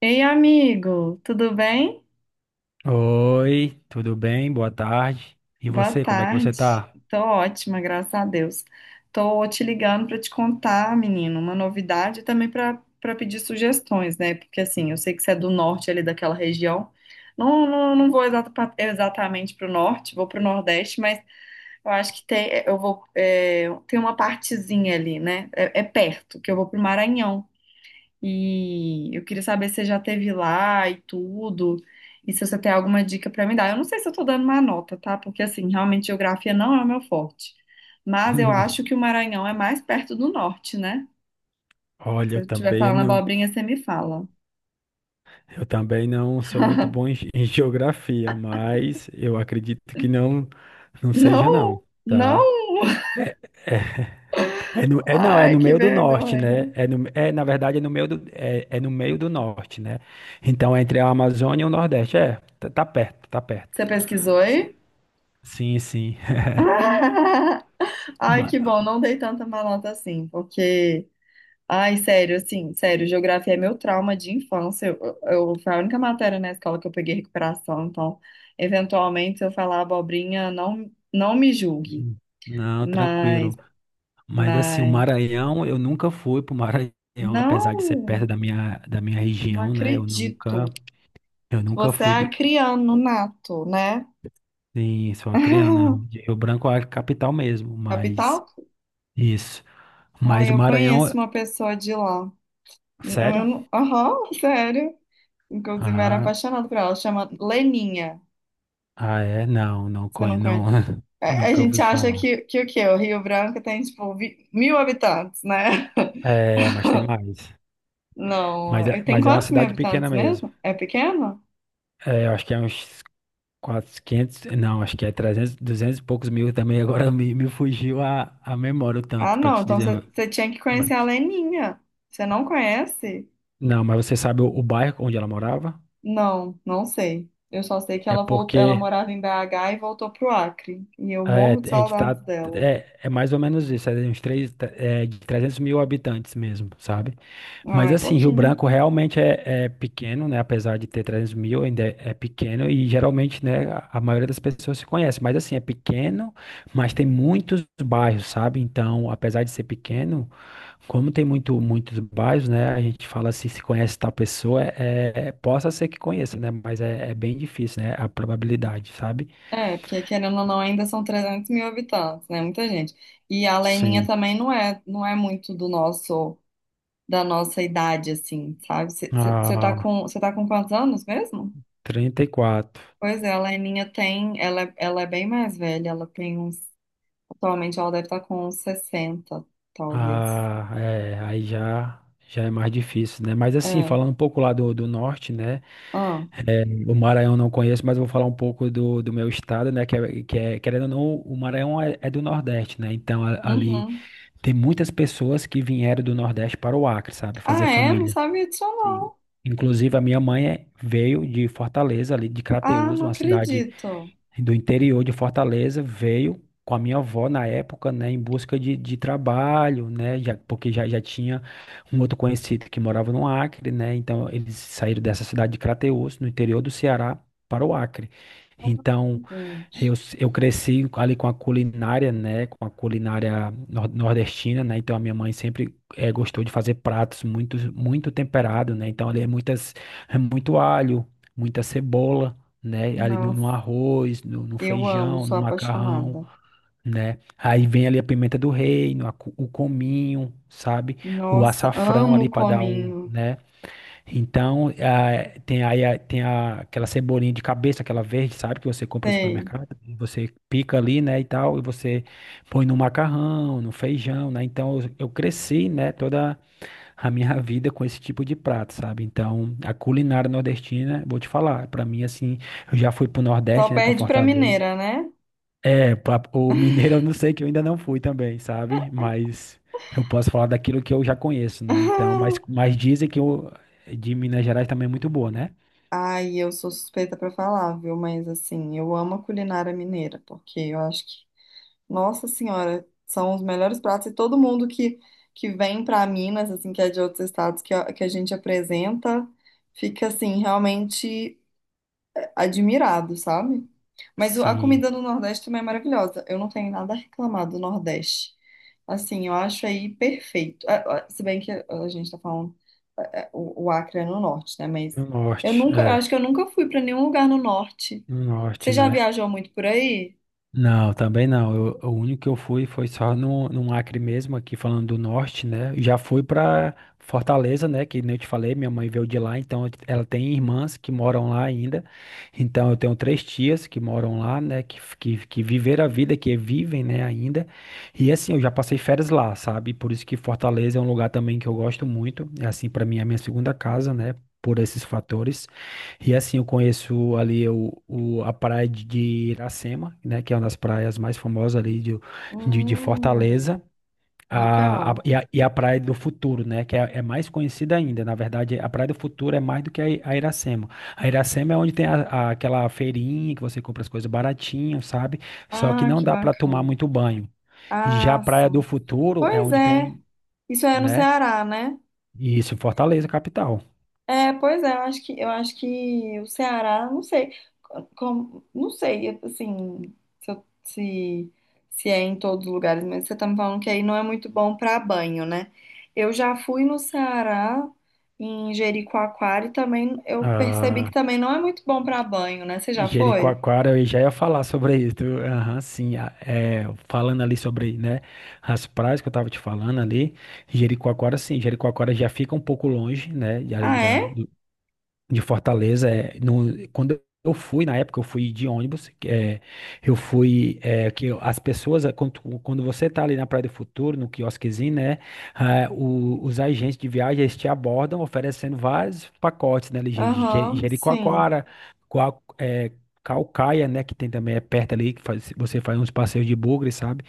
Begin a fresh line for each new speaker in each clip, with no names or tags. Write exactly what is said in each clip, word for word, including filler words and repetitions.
Ei, amigo, tudo bem?
Oi, tudo bem? Boa tarde. E
Boa
você, como é que você
tarde.
tá?
Tô ótima, graças a Deus. Tô te ligando para te contar, menino, uma novidade e também para para pedir sugestões, né? Porque assim, eu sei que você é do norte ali daquela região. Não, não, não vou exata- pra- exatamente para o norte, vou para o nordeste, mas eu acho que tem, eu vou, é, tem uma partezinha ali, né? É, é perto, que eu vou para o Maranhão. E eu queria saber se você já teve lá e tudo, e se você tem alguma dica para me dar. Eu não sei se eu tô dando uma nota, tá? Porque assim, realmente geografia não é o meu forte. Mas eu acho que o Maranhão é mais perto do norte, né?
Olha,
Se
eu
eu estiver
também
falando
não,
abobrinha, você me fala.
eu também não sou muito bom em, ge- em geografia, mas eu acredito que não, não seja não,
Não, não.
tá? É, no, é não, é
Ai,
no
que
meio do norte, né?
vergonha.
É, no, é na verdade é no meio do, é, é no meio do norte, né? Então é entre a Amazônia e o Nordeste, é, tá, tá perto, tá perto.
Você pesquisou aí?
Sim, sim.
Ai,
Ma-
que bom, não dei tanta malota assim, porque ai, sério, assim, sério, geografia é meu trauma de infância. Eu, eu- foi a única matéria na escola que eu peguei recuperação, então, eventualmente, se eu falar abobrinha, não, não me julgue.
Não,
Mas,
tranquilo. Mas assim, o
mas,
Maranhão, eu nunca fui pro Maranhão, apesar de ser
não,
perto da minha, da minha
não
região, né? Eu
acredito.
nunca, eu nunca
Você
fui
é
do,
acriano nato, né?
em Suacriana, de Rio Branco é a capital mesmo, mas
Capital?
isso. Mas
Ai,
o
eu
Maranhão,
conheço uma pessoa de lá. Eu
sério?
não- Aham, sério. Inclusive, eu era
Ah,
apaixonada por ela, chama Leninha.
ah é? Não, não
Você
conhe-
não
não,
conhece? A a
nunca
gente
ouvi
acha
falar.
que, que o quê? O Rio Branco tem, tipo, vi- mil habitantes, né?
É, mas tem mais.
Não,
Mas é,
eh, tem
mas é uma
quantos mil
cidade pequena
habitantes
mesmo.
mesmo? É pequeno?
É, eu acho que é uns quatrocentos, quinhentos não, acho que é trezentos duzentos e poucos mil também. Agora me, me fugiu a, a memória o
Ah,
tanto, pra
não,
te
então
dizer.
você você tinha que conhecer a
What?
Leninha. Você não conhece?
Não, mas você sabe o, o bairro onde ela morava?
Não, não sei. Eu só sei que
É
ela, voltou, ela
porque
morava em B H e voltou pro Acre. E eu
é,
morro de
a gente
saudades
tá.
dela.
É, é mais ou menos isso, é de uns três, é, de trezentos mil habitantes mesmo, sabe?
Ah,
Mas
é
assim, Rio
pouquinho.
Branco realmente é, é pequeno, né? Apesar de ter trezentos mil, ainda é, é pequeno e geralmente, né, a, a maioria das pessoas se conhece. Mas assim, é pequeno, mas tem muitos bairros, sabe? Então, apesar de ser pequeno, como tem muito, muitos bairros, né? A gente fala assim, se conhece tal pessoa, é, é- possa ser que conheça, né? Mas é, é bem difícil, né? A probabilidade, sabe?
É, porque querendo ou não, ainda são trezentos mil habitantes, né? Muita gente. E a Leninha
Sim.
também não é, não é muito do nosso, da nossa idade, assim, sabe? Você tá
Ah,
com, você tá com quantos anos mesmo?
trinta e quatro.
Pois é, a Leninha tem, ela, é- ela é bem mais velha, ela tem uns, atualmente ela deve estar com uns sessenta, talvez.
Ah, é, aí já, já é mais difícil, né? Mas assim,
É,
falando um pouco lá do, do norte, né?
ah,
É, o Maranhão eu não conheço, mas eu vou falar um pouco do, do meu estado, né? Que é, que é, querendo ou não, o Maranhão é, é do Nordeste, né? Então a- ali
uhum.
tem muitas pessoas que vieram do Nordeste para o Acre, sabe? Fazer
Ah, é? Não
família.
sabia disso
Sim.
não.
Inclusive a minha mãe é- veio de Fortaleza, ali de
Ah,
Crateús,
não
uma cidade
acredito.
do interior de Fortaleza, veio com a minha avó na época, né, em busca de, de trabalho, né, já, porque já, já tinha um outro conhecido que morava no Acre, né, então eles saíram dessa cidade de Crateús, no interior do Ceará, para o Acre. Então, eu,
Gente,
s- eu cresci ali com a culinária, né, com a culinária nor- nordestina, né, então a minha mãe sempre eh, gostou de fazer pratos muito, muito temperado né, então ali é muitas, é muito alho, muita cebola, né? Ali no, no
nossa,
arroz, no, no
eu amo,
feijão, no
sou
macarrão,
apaixonada.
né? Aí vem ali a pimenta do reino, a cu- o cominho, sabe? O
Nossa,
açafrão
amo
ali
o
para dar um,
cominho,
né? Então, ah, tem aí a- tem a- aquela cebolinha de cabeça, aquela verde, sabe? Que você compra no
sei.
supermercado, e você pica ali, né? E tal, e você põe no macarrão, no feijão, né? Então, eu, eu cresci, né? toda a minha vida com esse tipo de prato, sabe? Então, a culinária nordestina, vou te falar, pra mim assim, eu já fui pro
Só
Nordeste, né, pra
perde pra
Fortaleza.
mineira, né?
É, pra- o mineiro eu não sei que eu ainda não fui também, sabe? Mas eu posso falar daquilo que eu já conheço, né? Então, mas, mas dizem que o de Minas Gerais também é muito boa, né?
Ai, eu sou suspeita pra falar, viu? Mas assim, eu amo a culinária mineira, porque eu acho que, nossa senhora, são os melhores pratos e todo mundo que, que vem pra Minas, assim, que é de outros estados que, a- que a gente apresenta, fica assim, realmente admirado, sabe? Mas o- a
Sim,
comida do Nordeste também é maravilhosa. Eu não tenho nada a reclamar do Nordeste. Assim, eu acho aí perfeito. Ah, ah, Se bem que a a gente tá falando o, o Acre é no norte, né? Mas
no
eu
norte,
nunca, eu acho
é,
que eu nunca fui para nenhum lugar no norte.
no norte,
Você já
né?
viajou muito por aí?
Não, também não. Eu- o único que eu fui foi só no, no Acre mesmo, aqui falando do norte, né? Já fui pra Fortaleza, né? Que nem eu te falei, minha mãe veio de lá, então ela tem irmãs que moram lá ainda. Então eu tenho três tias que moram lá, né? Que, que, que viveram a vida, que vivem, né, ainda. E assim, eu já passei férias lá, sabe? Por isso que Fortaleza é um lugar também que eu gosto muito. É assim, pra mim, é a minha segunda casa, né? Por esses fatores. E assim, eu conheço ali o, o- a praia de de Iracema, né, que é uma das praias mais famosas ali de, de, de
Hum,
Fortaleza, a, a-
legal.
e, a, e a Praia do Futuro, né, que é, é mais conhecida ainda. Na verdade, a Praia do Futuro é mais do que a, I- a Iracema. A Iracema é onde tem a- a- aquela feirinha que você compra as coisas baratinho, sabe? Só que
Ah,
não
que
dá para tomar
bacana.
muito banho. E já a
Ah,
Praia do
sim.
Futuro é
Pois
onde
é.
tem,
Isso é no
né,
Ceará, né?
isso, Fortaleza, capital.
É, pois é, eu acho que, eu acho que o Ceará, não sei, como, não sei, assim, se, eu- se, se é em todos os lugares, mas você tá me falando que aí não é muito bom para banho, né? Eu já fui no Ceará, em Jericoacoara, e também eu percebi
Ah,
que também não é muito bom para banho, né? Você já foi?
Jericoacoara, eu já ia falar sobre isso. Aham, sim. a- é, falando ali sobre, né, as praias que eu tava te falando ali. Jericoacoara, sim. Jericoacoara já fica um pouco longe, né, de
Ah,
ali da,
é?
de Fortaleza. É, no- quando eu fui, na época, eu fui de ônibus. É, eu fui. É, que as pessoas, é, quando, tu- quando você tá ali na Praia do Futuro, no quiosquezinho, né? Ah, o- os agentes de viagem eles te abordam oferecendo vários pacotes, né? Ali, Je- Je-
Aham, sim.
Jericoacoara, Coa- é, Caucaia, né? Que tem também é perto ali, que faz- você faz uns passeios de bugre, sabe?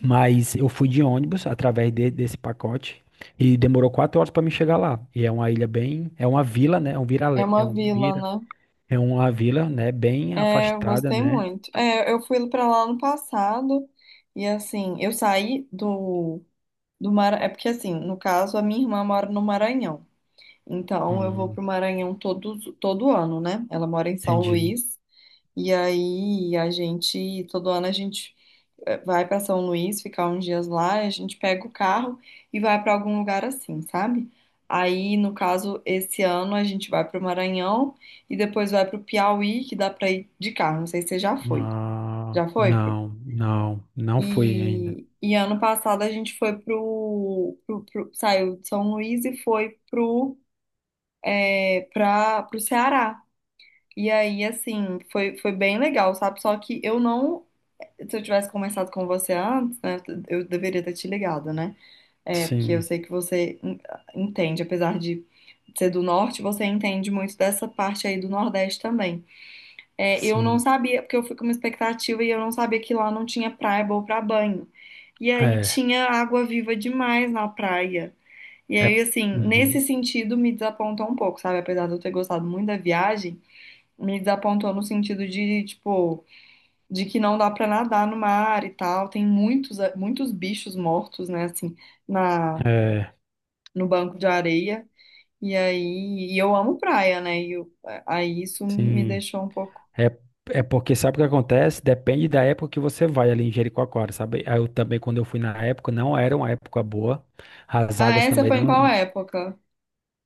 Mas eu fui de ônibus através de- desse pacote e demorou quatro horas para me chegar lá. E é uma ilha bem, é uma vila, né? É um
É
vira, é
uma
um
vila,
vira,
né?
é uma vila, né? Bem
É, eu
afastada,
gostei
né?
muito. É, eu fui pra lá no passado, e assim, eu saí do Do Mara... É porque, assim, no caso, a minha irmã mora no Maranhão. Então, eu vou
Hum,
pro Maranhão todo, todo ano, né? Ela mora em São
entendi.
Luís. E aí, a gente, todo ano, a gente eh, vai pra São Luís, ficar uns dias lá, a gente pega o carro e vai pra algum lugar assim, sabe? Aí, no caso, esse ano a gente vai pro Maranhão e depois vai pro Piauí, que dá pra ir de carro. Não sei se você já foi.
Ah,
Já foi?
não, não, não fui ainda.
E, e ano passado a gente foi pro, pro, pro- saiu de São Luís e foi pro, é, pra, pro Ceará. E aí, assim, foi, foi bem legal, sabe? Só que eu não. Se eu tivesse conversado com você antes, né? Eu deveria ter te ligado, né? É, porque eu
Sim,
sei que você en- entende, apesar de ser do norte, você entende muito dessa parte aí do Nordeste também. É, eu não
sim.
sabia, porque eu fui com uma expectativa e eu não sabia que lá não tinha praia boa pra banho. E aí
É,
tinha água viva demais na praia. E
é,
aí, assim,
uhum,
nesse sentido me desapontou um pouco, sabe? Apesar de eu ter gostado muito da viagem, me desapontou no sentido de, tipo, de que não dá pra nadar no mar e tal. Tem muitos, muitos bichos mortos, né, assim, na,
é,
no banco de areia. E aí, e eu amo praia, né? E eu- aí isso me
sim.
deixou um pouco.
É, é Porque sabe o que acontece? Depende da época que você vai ali em Jericoacoara, sabe? Aí Eu também, quando eu fui na época, não era uma época boa. As
Ah,
águas
essa
também
foi em
não.
qual época?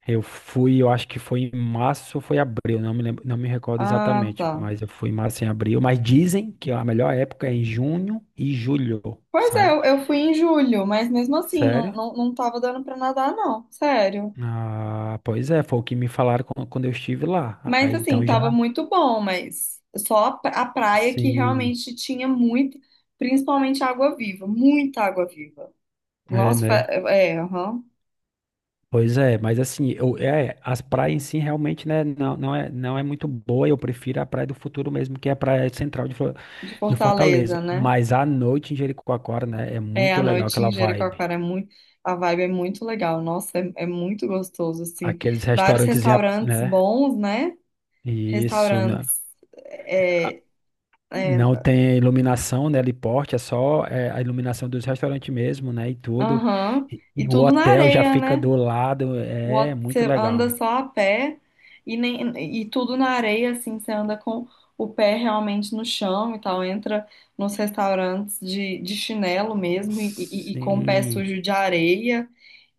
Eu fui, eu acho que foi em março ou foi abril, não me lembro, não me recordo
Ah,
exatamente,
tá.
mas eu fui em março e em abril. Mas dizem que a melhor época é em junho e julho,
Pois é,
sabe?
eu, eu fui em julho, mas mesmo assim, não,
Sério?
não, não tava dando pra nadar, não, sério.
Ah, pois é, foi o que me falaram quan- quando eu estive lá.
Mas
Aí
assim,
então
tava
já.
muito bom, mas só a pra- a praia que
Sim.
realmente tinha muito, principalmente água viva, muita água viva.
É,
Nossa, fa-
né?
é, aham,
Pois é, mas assim, eu, é, as praias em si realmente, né, não, não é, não é muito boa, eu prefiro a Praia do Futuro mesmo, que é a Praia Central de, Flo-
de
de Fortaleza,
Fortaleza, né?
mas à noite em Jericoacoara, né, é
É,
muito
a
legal
noite
aquela
em
vibe,
Jericoacoara é muito, a vibe é muito legal, nossa, é, é muito gostoso, assim.
aqueles
Vários
restaurantes, em
restaurantes
né,
bons, né?
isso, né,
Restaurantes.
a-
é, é,
não tem iluminação, né, ali porte, é só é, a iluminação dos restaurantes mesmo, né, e tudo,
Aham.
e,
E
e o
tudo na
hotel já
areia,
fica
né?
do lado, é muito
Você
legal.
anda só a pé e, nem, e tudo na areia, assim, você anda com o pé realmente no chão e tal. Entra nos restaurantes de, de chinelo mesmo e, e- e com o pé
Sim.
sujo de areia.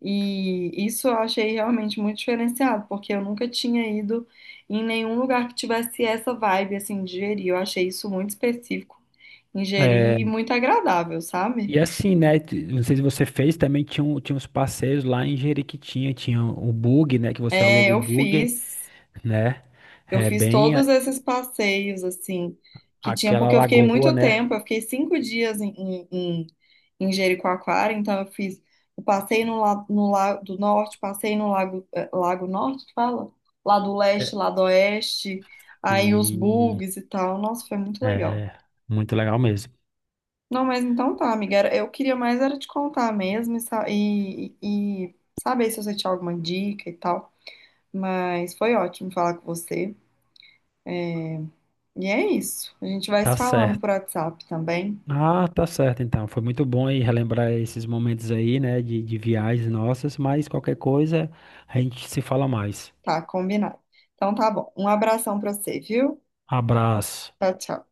E isso eu achei realmente muito diferenciado, porque eu nunca tinha ido em nenhum lugar que tivesse essa vibe, assim, de Jeri. Eu achei isso muito específico em
É,
Jeri e muito agradável, sabe?
e assim, né? t- Não sei se você fez, também tinha, um- tinha uns passeios lá em Jeriquitinha, tinha o bug, né? Que você
É,
aluga o
eu
bug,
fiz.
né?
Eu
É
fiz
bem
todos
a-
esses passeios, assim, que tinha,
aquela
porque eu fiquei
lagoa,
muito
né?
tempo, eu fiquei cinco dias em, em, em, em Jericoacoara, então eu fiz, eu passei no, la- no Lago do Norte, passei no Lago, eh, Lago Norte, que fala? Lá do Leste,
É,
lá do Oeste, aí os
sim,
bugs e tal, nossa, foi muito legal.
é muito legal mesmo.
Não, mas então tá, amiga, era- eu queria mais era te contar mesmo e, sa- e e- e saber se você tinha alguma dica e tal, mas foi ótimo falar com você. E é isso. A gente vai se
Tá
falando
certo.
por WhatsApp também.
Ah, tá certo, então. Foi muito bom aí relembrar esses momentos aí, né? De, de viagens nossas, mas qualquer coisa a gente se fala mais.
Tá, combinado. Então tá bom. Um abração pra você, viu?
Abraço.
Tchau, tchau.